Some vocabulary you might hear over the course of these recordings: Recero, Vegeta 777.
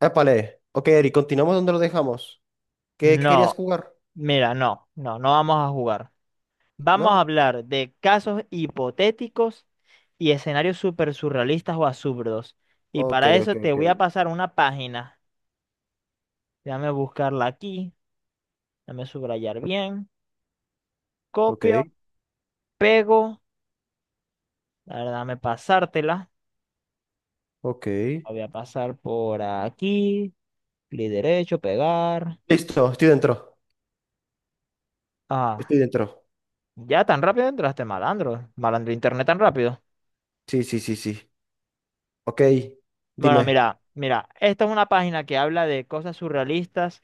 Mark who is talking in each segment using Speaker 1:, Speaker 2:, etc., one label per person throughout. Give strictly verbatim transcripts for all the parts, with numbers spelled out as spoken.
Speaker 1: Épale. Ok, Eri, continuamos donde lo dejamos. ¿Qué querías
Speaker 2: No,
Speaker 1: jugar?
Speaker 2: mira, no, no, no vamos a jugar. Vamos a
Speaker 1: ¿No?
Speaker 2: hablar de casos hipotéticos y escenarios súper surrealistas o absurdos. Y
Speaker 1: Ok,
Speaker 2: para
Speaker 1: ok,
Speaker 2: eso te
Speaker 1: ok.
Speaker 2: voy a pasar una página. Déjame buscarla aquí, déjame subrayar bien.
Speaker 1: Ok,
Speaker 2: Copio, pego, a déjame pasártela.
Speaker 1: ok.
Speaker 2: La voy a pasar por aquí, clic derecho, pegar.
Speaker 1: Listo, estoy dentro.
Speaker 2: Ah,
Speaker 1: Estoy dentro.
Speaker 2: ya tan rápido entraste, malandro. Malandro internet tan rápido.
Speaker 1: Sí, sí, sí, sí. Ok,
Speaker 2: Bueno,
Speaker 1: dime.
Speaker 2: mira, mira, esta es una página que habla de cosas surrealistas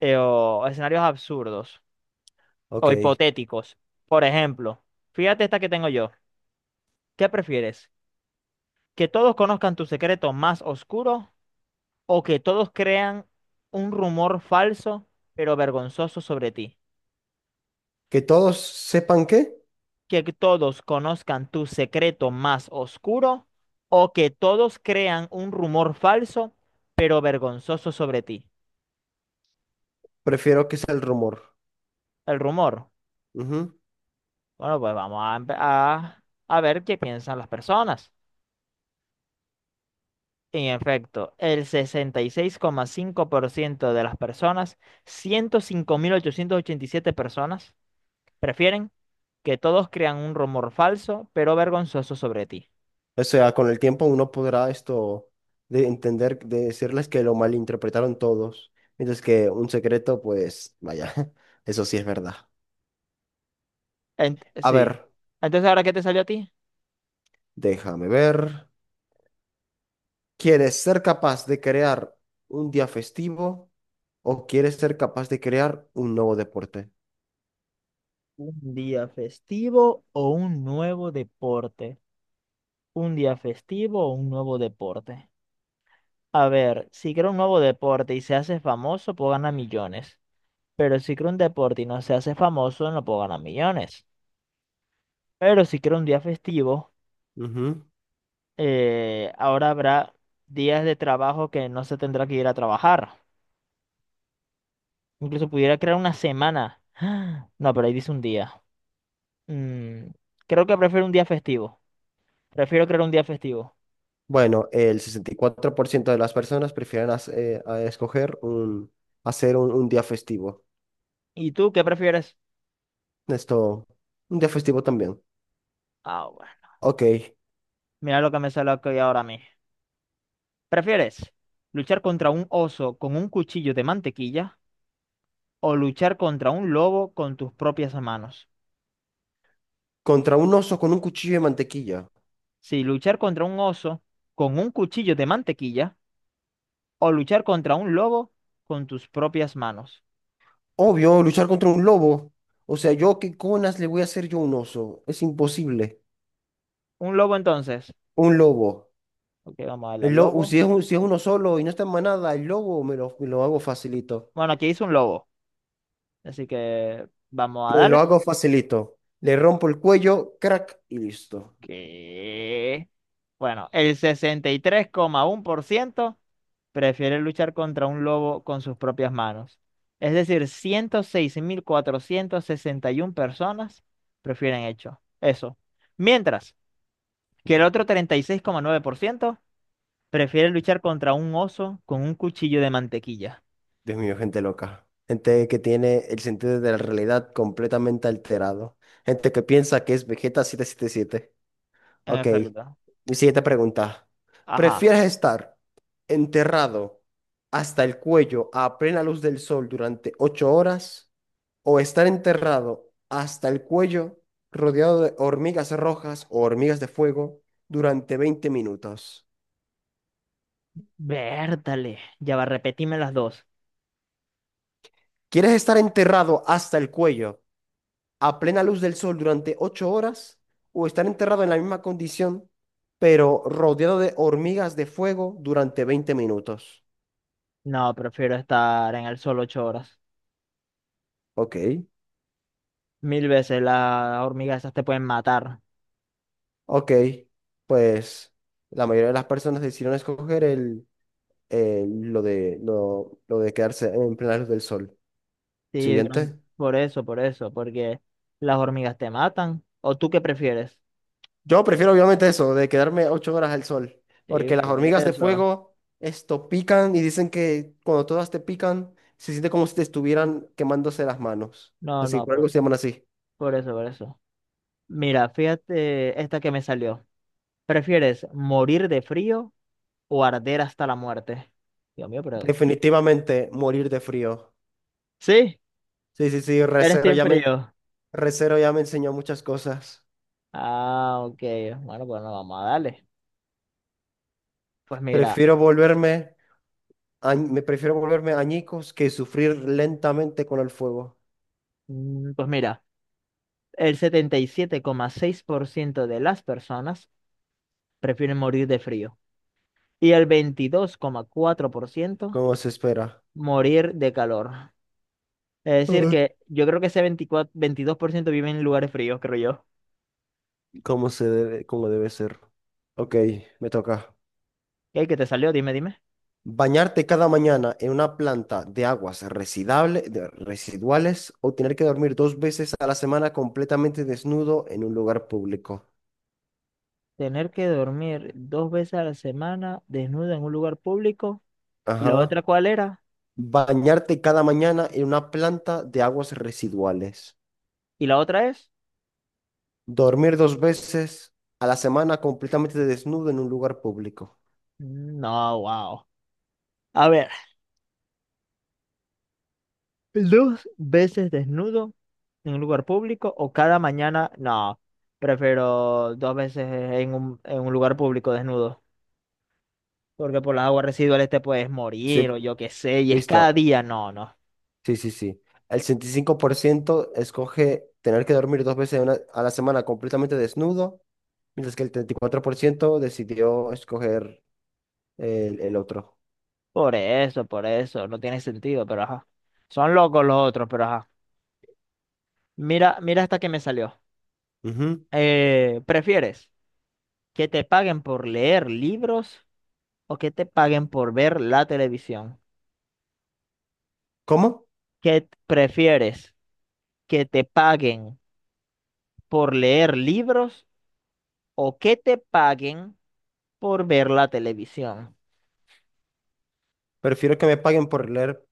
Speaker 2: eh, o escenarios absurdos o
Speaker 1: Ok.
Speaker 2: hipotéticos. Por ejemplo, fíjate esta que tengo yo. ¿Qué prefieres? ¿Que todos conozcan tu secreto más oscuro o que todos crean un rumor falso pero vergonzoso sobre ti?
Speaker 1: Que todos sepan qué,
Speaker 2: ¿Que todos conozcan tu secreto más oscuro o que todos crean un rumor falso pero vergonzoso sobre ti?
Speaker 1: prefiero que sea el rumor.
Speaker 2: El rumor.
Speaker 1: Ujú.
Speaker 2: Bueno, pues vamos a, empe- a a ver qué piensan las personas. En efecto, el sesenta y seis coma cinco por ciento de las personas, ciento cinco mil ochocientos ochenta y siete personas, prefieren que todos crean un rumor falso, pero vergonzoso sobre ti.
Speaker 1: O sea, con el tiempo uno podrá esto de entender, de decirles que lo malinterpretaron todos. Mientras que un secreto, pues, vaya, eso sí es verdad.
Speaker 2: Ent-
Speaker 1: A ver,
Speaker 2: sí. Entonces, ¿ahora qué te salió a ti?
Speaker 1: déjame ver. ¿Quieres ser capaz de crear un día festivo o quieres ser capaz de crear un nuevo deporte?
Speaker 2: ¿Un día festivo o un nuevo deporte? ¿Un día festivo o un nuevo deporte? A ver, si creo un nuevo deporte y se hace famoso, puedo ganar millones. Pero si creo un deporte y no se hace famoso, no puedo ganar millones. Pero si quiero un día festivo,
Speaker 1: Ujú.
Speaker 2: eh, ahora habrá días de trabajo que no se tendrá que ir a trabajar. Incluso pudiera crear una semana. No, pero ahí dice un día. Mm, creo que prefiero un día festivo. Prefiero crear un día festivo.
Speaker 1: Bueno, el sesenta y cuatro por ciento de las personas prefieren hac- eh, a escoger un, hacer un, un día festivo.
Speaker 2: ¿Y tú qué prefieres?
Speaker 1: Esto, un día festivo también.
Speaker 2: Ah, bueno.
Speaker 1: Ok,
Speaker 2: Mira lo que me sale aquí ahora a mí. ¿Prefieres luchar contra un oso con un cuchillo de mantequilla o luchar contra un lobo con tus propias manos?
Speaker 1: contra un oso con un cuchillo de mantequilla.
Speaker 2: ¿Si luchar contra un oso con un cuchillo de mantequilla o luchar contra un lobo con tus propias manos?
Speaker 1: Obvio, luchar contra un lobo. O sea, yo qué conas le voy a hacer yo a un oso. Es imposible.
Speaker 2: Un lobo entonces.
Speaker 1: Un lobo.
Speaker 2: Ok, vamos a darle al
Speaker 1: El lo-
Speaker 2: lobo.
Speaker 1: si es, un- Si es uno solo y no está en manada, el lobo me lo, me lo hago facilito.
Speaker 2: Bueno, aquí hizo un lobo, así que vamos a
Speaker 1: Me lo
Speaker 2: darle.
Speaker 1: hago facilito. Le rompo el cuello, crack, y listo.
Speaker 2: Que Bueno, el sesenta y tres coma uno por ciento prefiere luchar contra un lobo con sus propias manos. Es decir, ciento seis mil cuatrocientos sesenta y uno personas prefieren hecho eso. Mientras que el otro treinta y seis coma nueve por ciento prefiere luchar contra un oso con un cuchillo de mantequilla.
Speaker 1: Dios mío, gente loca. Gente que tiene el sentido de la realidad completamente alterado. Gente que piensa que es Vegeta siete siete siete.
Speaker 2: En
Speaker 1: Ok,
Speaker 2: efecto.
Speaker 1: mi siguiente pregunta.
Speaker 2: Ajá.
Speaker 1: ¿Prefieres estar enterrado hasta el cuello a plena luz del sol durante ocho horas o estar enterrado hasta el cuello rodeado de hormigas rojas o hormigas de fuego durante veinte minutos?
Speaker 2: Vértale. Ya va, repetime las dos.
Speaker 1: ¿Quieres estar enterrado hasta el cuello a plena luz del sol durante ocho horas o estar enterrado en la misma condición pero rodeado de hormigas de fuego durante veinte minutos?
Speaker 2: No, prefiero estar en el sol ocho horas.
Speaker 1: Ok,
Speaker 2: Mil veces las hormigas esas te pueden matar.
Speaker 1: ok, pues la mayoría de las personas decidieron escoger el, el- lo de, lo, lo de quedarse en plena luz del sol.
Speaker 2: Sí, duran-
Speaker 1: Siguiente.
Speaker 2: por eso, por eso, porque las hormigas te matan. ¿O tú qué prefieres?
Speaker 1: Yo prefiero obviamente eso, de quedarme ocho horas al sol,
Speaker 2: Sí,
Speaker 1: porque las
Speaker 2: por
Speaker 1: hormigas de
Speaker 2: eso.
Speaker 1: fuego, esto, pican y dicen que cuando todas te pican, se siente como si te estuvieran quemándose las manos.
Speaker 2: No,
Speaker 1: Así,
Speaker 2: no,
Speaker 1: por algo
Speaker 2: por,
Speaker 1: se llaman así.
Speaker 2: por eso, por eso. Mira, fíjate esta que me salió. ¿Prefieres morir de frío o arder hasta la muerte? Dios mío, pero...
Speaker 1: Definitivamente morir de frío.
Speaker 2: Sí,
Speaker 1: Sí, sí, sí,
Speaker 2: eres
Speaker 1: Recero
Speaker 2: team
Speaker 1: ya me,
Speaker 2: frío.
Speaker 1: Recero ya me enseñó muchas cosas.
Speaker 2: Ah, ok. Bueno, bueno, vamos a darle. Pues mira,
Speaker 1: Prefiero volverme, a- me prefiero volverme añicos que sufrir lentamente con el fuego,
Speaker 2: mm, pues mira, el setenta y siete coma seis por ciento de las personas prefieren morir de frío y el veintidós coma cuatro por ciento
Speaker 1: como se espera.
Speaker 2: morir de calor. Es decir,
Speaker 1: Ah.
Speaker 2: que yo creo que ese veinticuatro, veintidós por ciento vive en lugares fríos, creo yo.
Speaker 1: Como se debe, como debe ser. Ok, me toca.
Speaker 2: ¿Qué, qué te salió? Dime, dime.
Speaker 1: Bañarte cada mañana en una planta de aguas residable- de- residuales o tener que dormir dos veces a la semana completamente desnudo en un lugar público.
Speaker 2: Tener que dormir dos veces a la semana desnudo en un lugar público. ¿Y la otra
Speaker 1: Ajá.
Speaker 2: cuál era?
Speaker 1: Bañarte cada mañana en una planta de aguas residuales.
Speaker 2: ¿Y la otra es?
Speaker 1: Dormir dos veces a la semana completamente desnudo en un lugar público.
Speaker 2: No, wow. A ver, dos veces desnudo en un lugar público o cada mañana, no, prefiero dos veces en un, en un, lugar público desnudo, porque por las aguas residuales te puedes
Speaker 1: Sí,
Speaker 2: morir o yo qué sé, y es cada
Speaker 1: listo.
Speaker 2: día, no, no,
Speaker 1: Sí, sí, sí. El sesenta y cinco por ciento escoge tener que dormir dos veces a una- a la semana completamente desnudo mientras que el treinta y cuatro por ciento decidió escoger el, el otro.
Speaker 2: por eso, por eso, no tiene sentido, pero ajá, son locos los otros, pero ajá, mira, mira hasta que me salió.
Speaker 1: Ujú.
Speaker 2: Eh, ¿prefieres que te paguen por leer libros o que te paguen por ver la televisión?
Speaker 1: ¿Cómo?
Speaker 2: ¿Qué t- prefieres? ¿Que te paguen por leer libros o que te paguen por ver la televisión?
Speaker 1: Prefiero que me paguen por leer,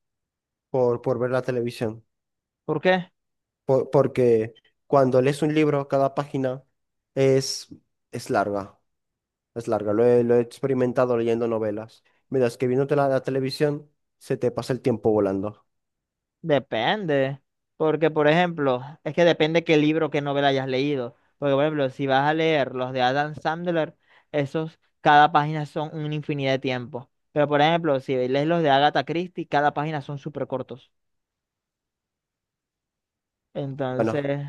Speaker 1: por, por ver la televisión,
Speaker 2: ¿Por qué?
Speaker 1: por- porque cuando lees un libro, cada página es, es larga, es larga. Lo he, lo he experimentado leyendo novelas, mientras que viéndote la, la televisión, se te pasa el tiempo volando.
Speaker 2: Depende. Porque, por ejemplo, es que depende qué libro, qué novela hayas leído. Porque, por ejemplo, si vas a leer los de Adam Sandler, esos, cada página son una infinidad de tiempo. Pero, por ejemplo, si lees los de Agatha Christie, cada página son súper cortos.
Speaker 1: Bueno,
Speaker 2: Entonces,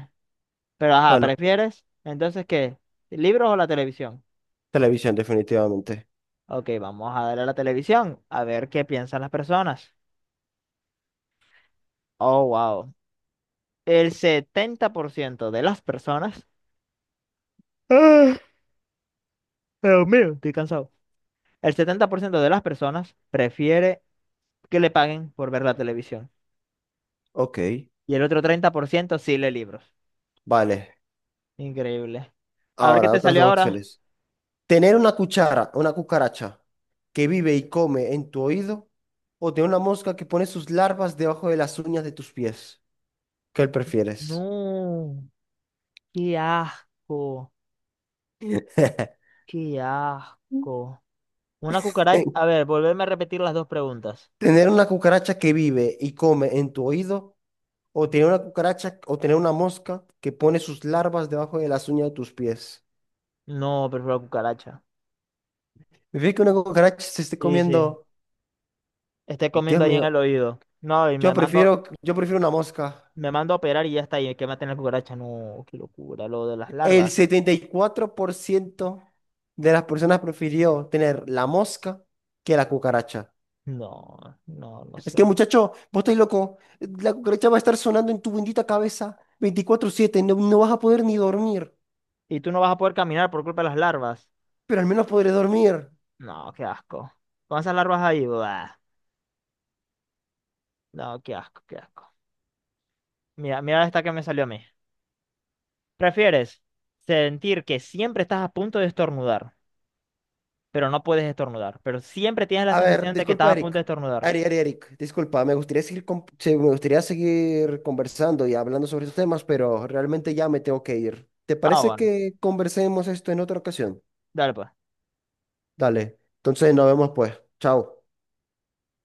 Speaker 2: pero ajá,
Speaker 1: bueno,
Speaker 2: ¿prefieres? Entonces, ¿qué? ¿Libros o la televisión?
Speaker 1: televisión definitivamente.
Speaker 2: Ok, vamos a darle a la televisión a ver qué piensan las personas. Oh, wow. El setenta por ciento de las personas, ah, Dios mío, estoy cansado, el setenta por ciento de las personas prefiere que le paguen por ver la televisión.
Speaker 1: Ok,
Speaker 2: Y el otro treinta por ciento sí lee libros.
Speaker 1: vale.
Speaker 2: Increíble. A ver qué
Speaker 1: Ahora,
Speaker 2: te
Speaker 1: otras
Speaker 2: salió
Speaker 1: dos
Speaker 2: ahora.
Speaker 1: opciones. Tener una cuchara, una cucaracha que vive y come en tu oído, o tener una mosca que pone sus larvas debajo de las uñas de tus pies. ¿Qué prefieres?
Speaker 2: No, qué asco, qué asco. Una cucaracha. A ver, volverme a repetir las dos preguntas.
Speaker 1: Tener una cucaracha que vive y come en tu oído, o tener una cucaracha o tener una mosca que pone sus larvas debajo de las uñas de tus pies.
Speaker 2: No, prefiero la cucaracha.
Speaker 1: Me fíjate que una cucaracha se esté
Speaker 2: Sí, sí.
Speaker 1: comiendo.
Speaker 2: Esté comiendo
Speaker 1: Dios
Speaker 2: ahí en
Speaker 1: mío,
Speaker 2: el oído. No, y me
Speaker 1: yo
Speaker 2: mando,
Speaker 1: prefiero, yo prefiero una mosca.
Speaker 2: me mando a operar y ya está. Y que maten la cucaracha. No, qué locura. Lo de las
Speaker 1: El
Speaker 2: larvas.
Speaker 1: setenta y cuatro por ciento de las personas prefirió tener la mosca que la cucaracha.
Speaker 2: No, no, no
Speaker 1: Es que,
Speaker 2: sé.
Speaker 1: muchacho, vos estás loco. La cucaracha va a estar sonando en tu bendita cabeza veinticuatro siete. No, no vas a poder ni dormir,
Speaker 2: Y tú no vas a poder caminar por culpa de las larvas.
Speaker 1: pero al menos podré dormir.
Speaker 2: No, qué asco. Con esas larvas ahí, buah. No, qué asco, qué asco. Mira, mira esta que me salió a mí. ¿Prefieres sentir que siempre estás a punto de estornudar, pero no puedes estornudar, pero siempre tienes la
Speaker 1: A ver,
Speaker 2: sensación de que estás
Speaker 1: disculpa,
Speaker 2: a
Speaker 1: Eric.
Speaker 2: punto de estornudar?
Speaker 1: Ari, Ari, Eric, disculpa. Me gustaría seguir, con- se- me gustaría seguir conversando y hablando sobre estos temas, pero realmente ya me tengo que ir. ¿Te
Speaker 2: Ah,
Speaker 1: parece
Speaker 2: bueno.
Speaker 1: que conversemos esto en otra ocasión?
Speaker 2: Dale, pues.
Speaker 1: Dale. Entonces, nos vemos pues. Chao.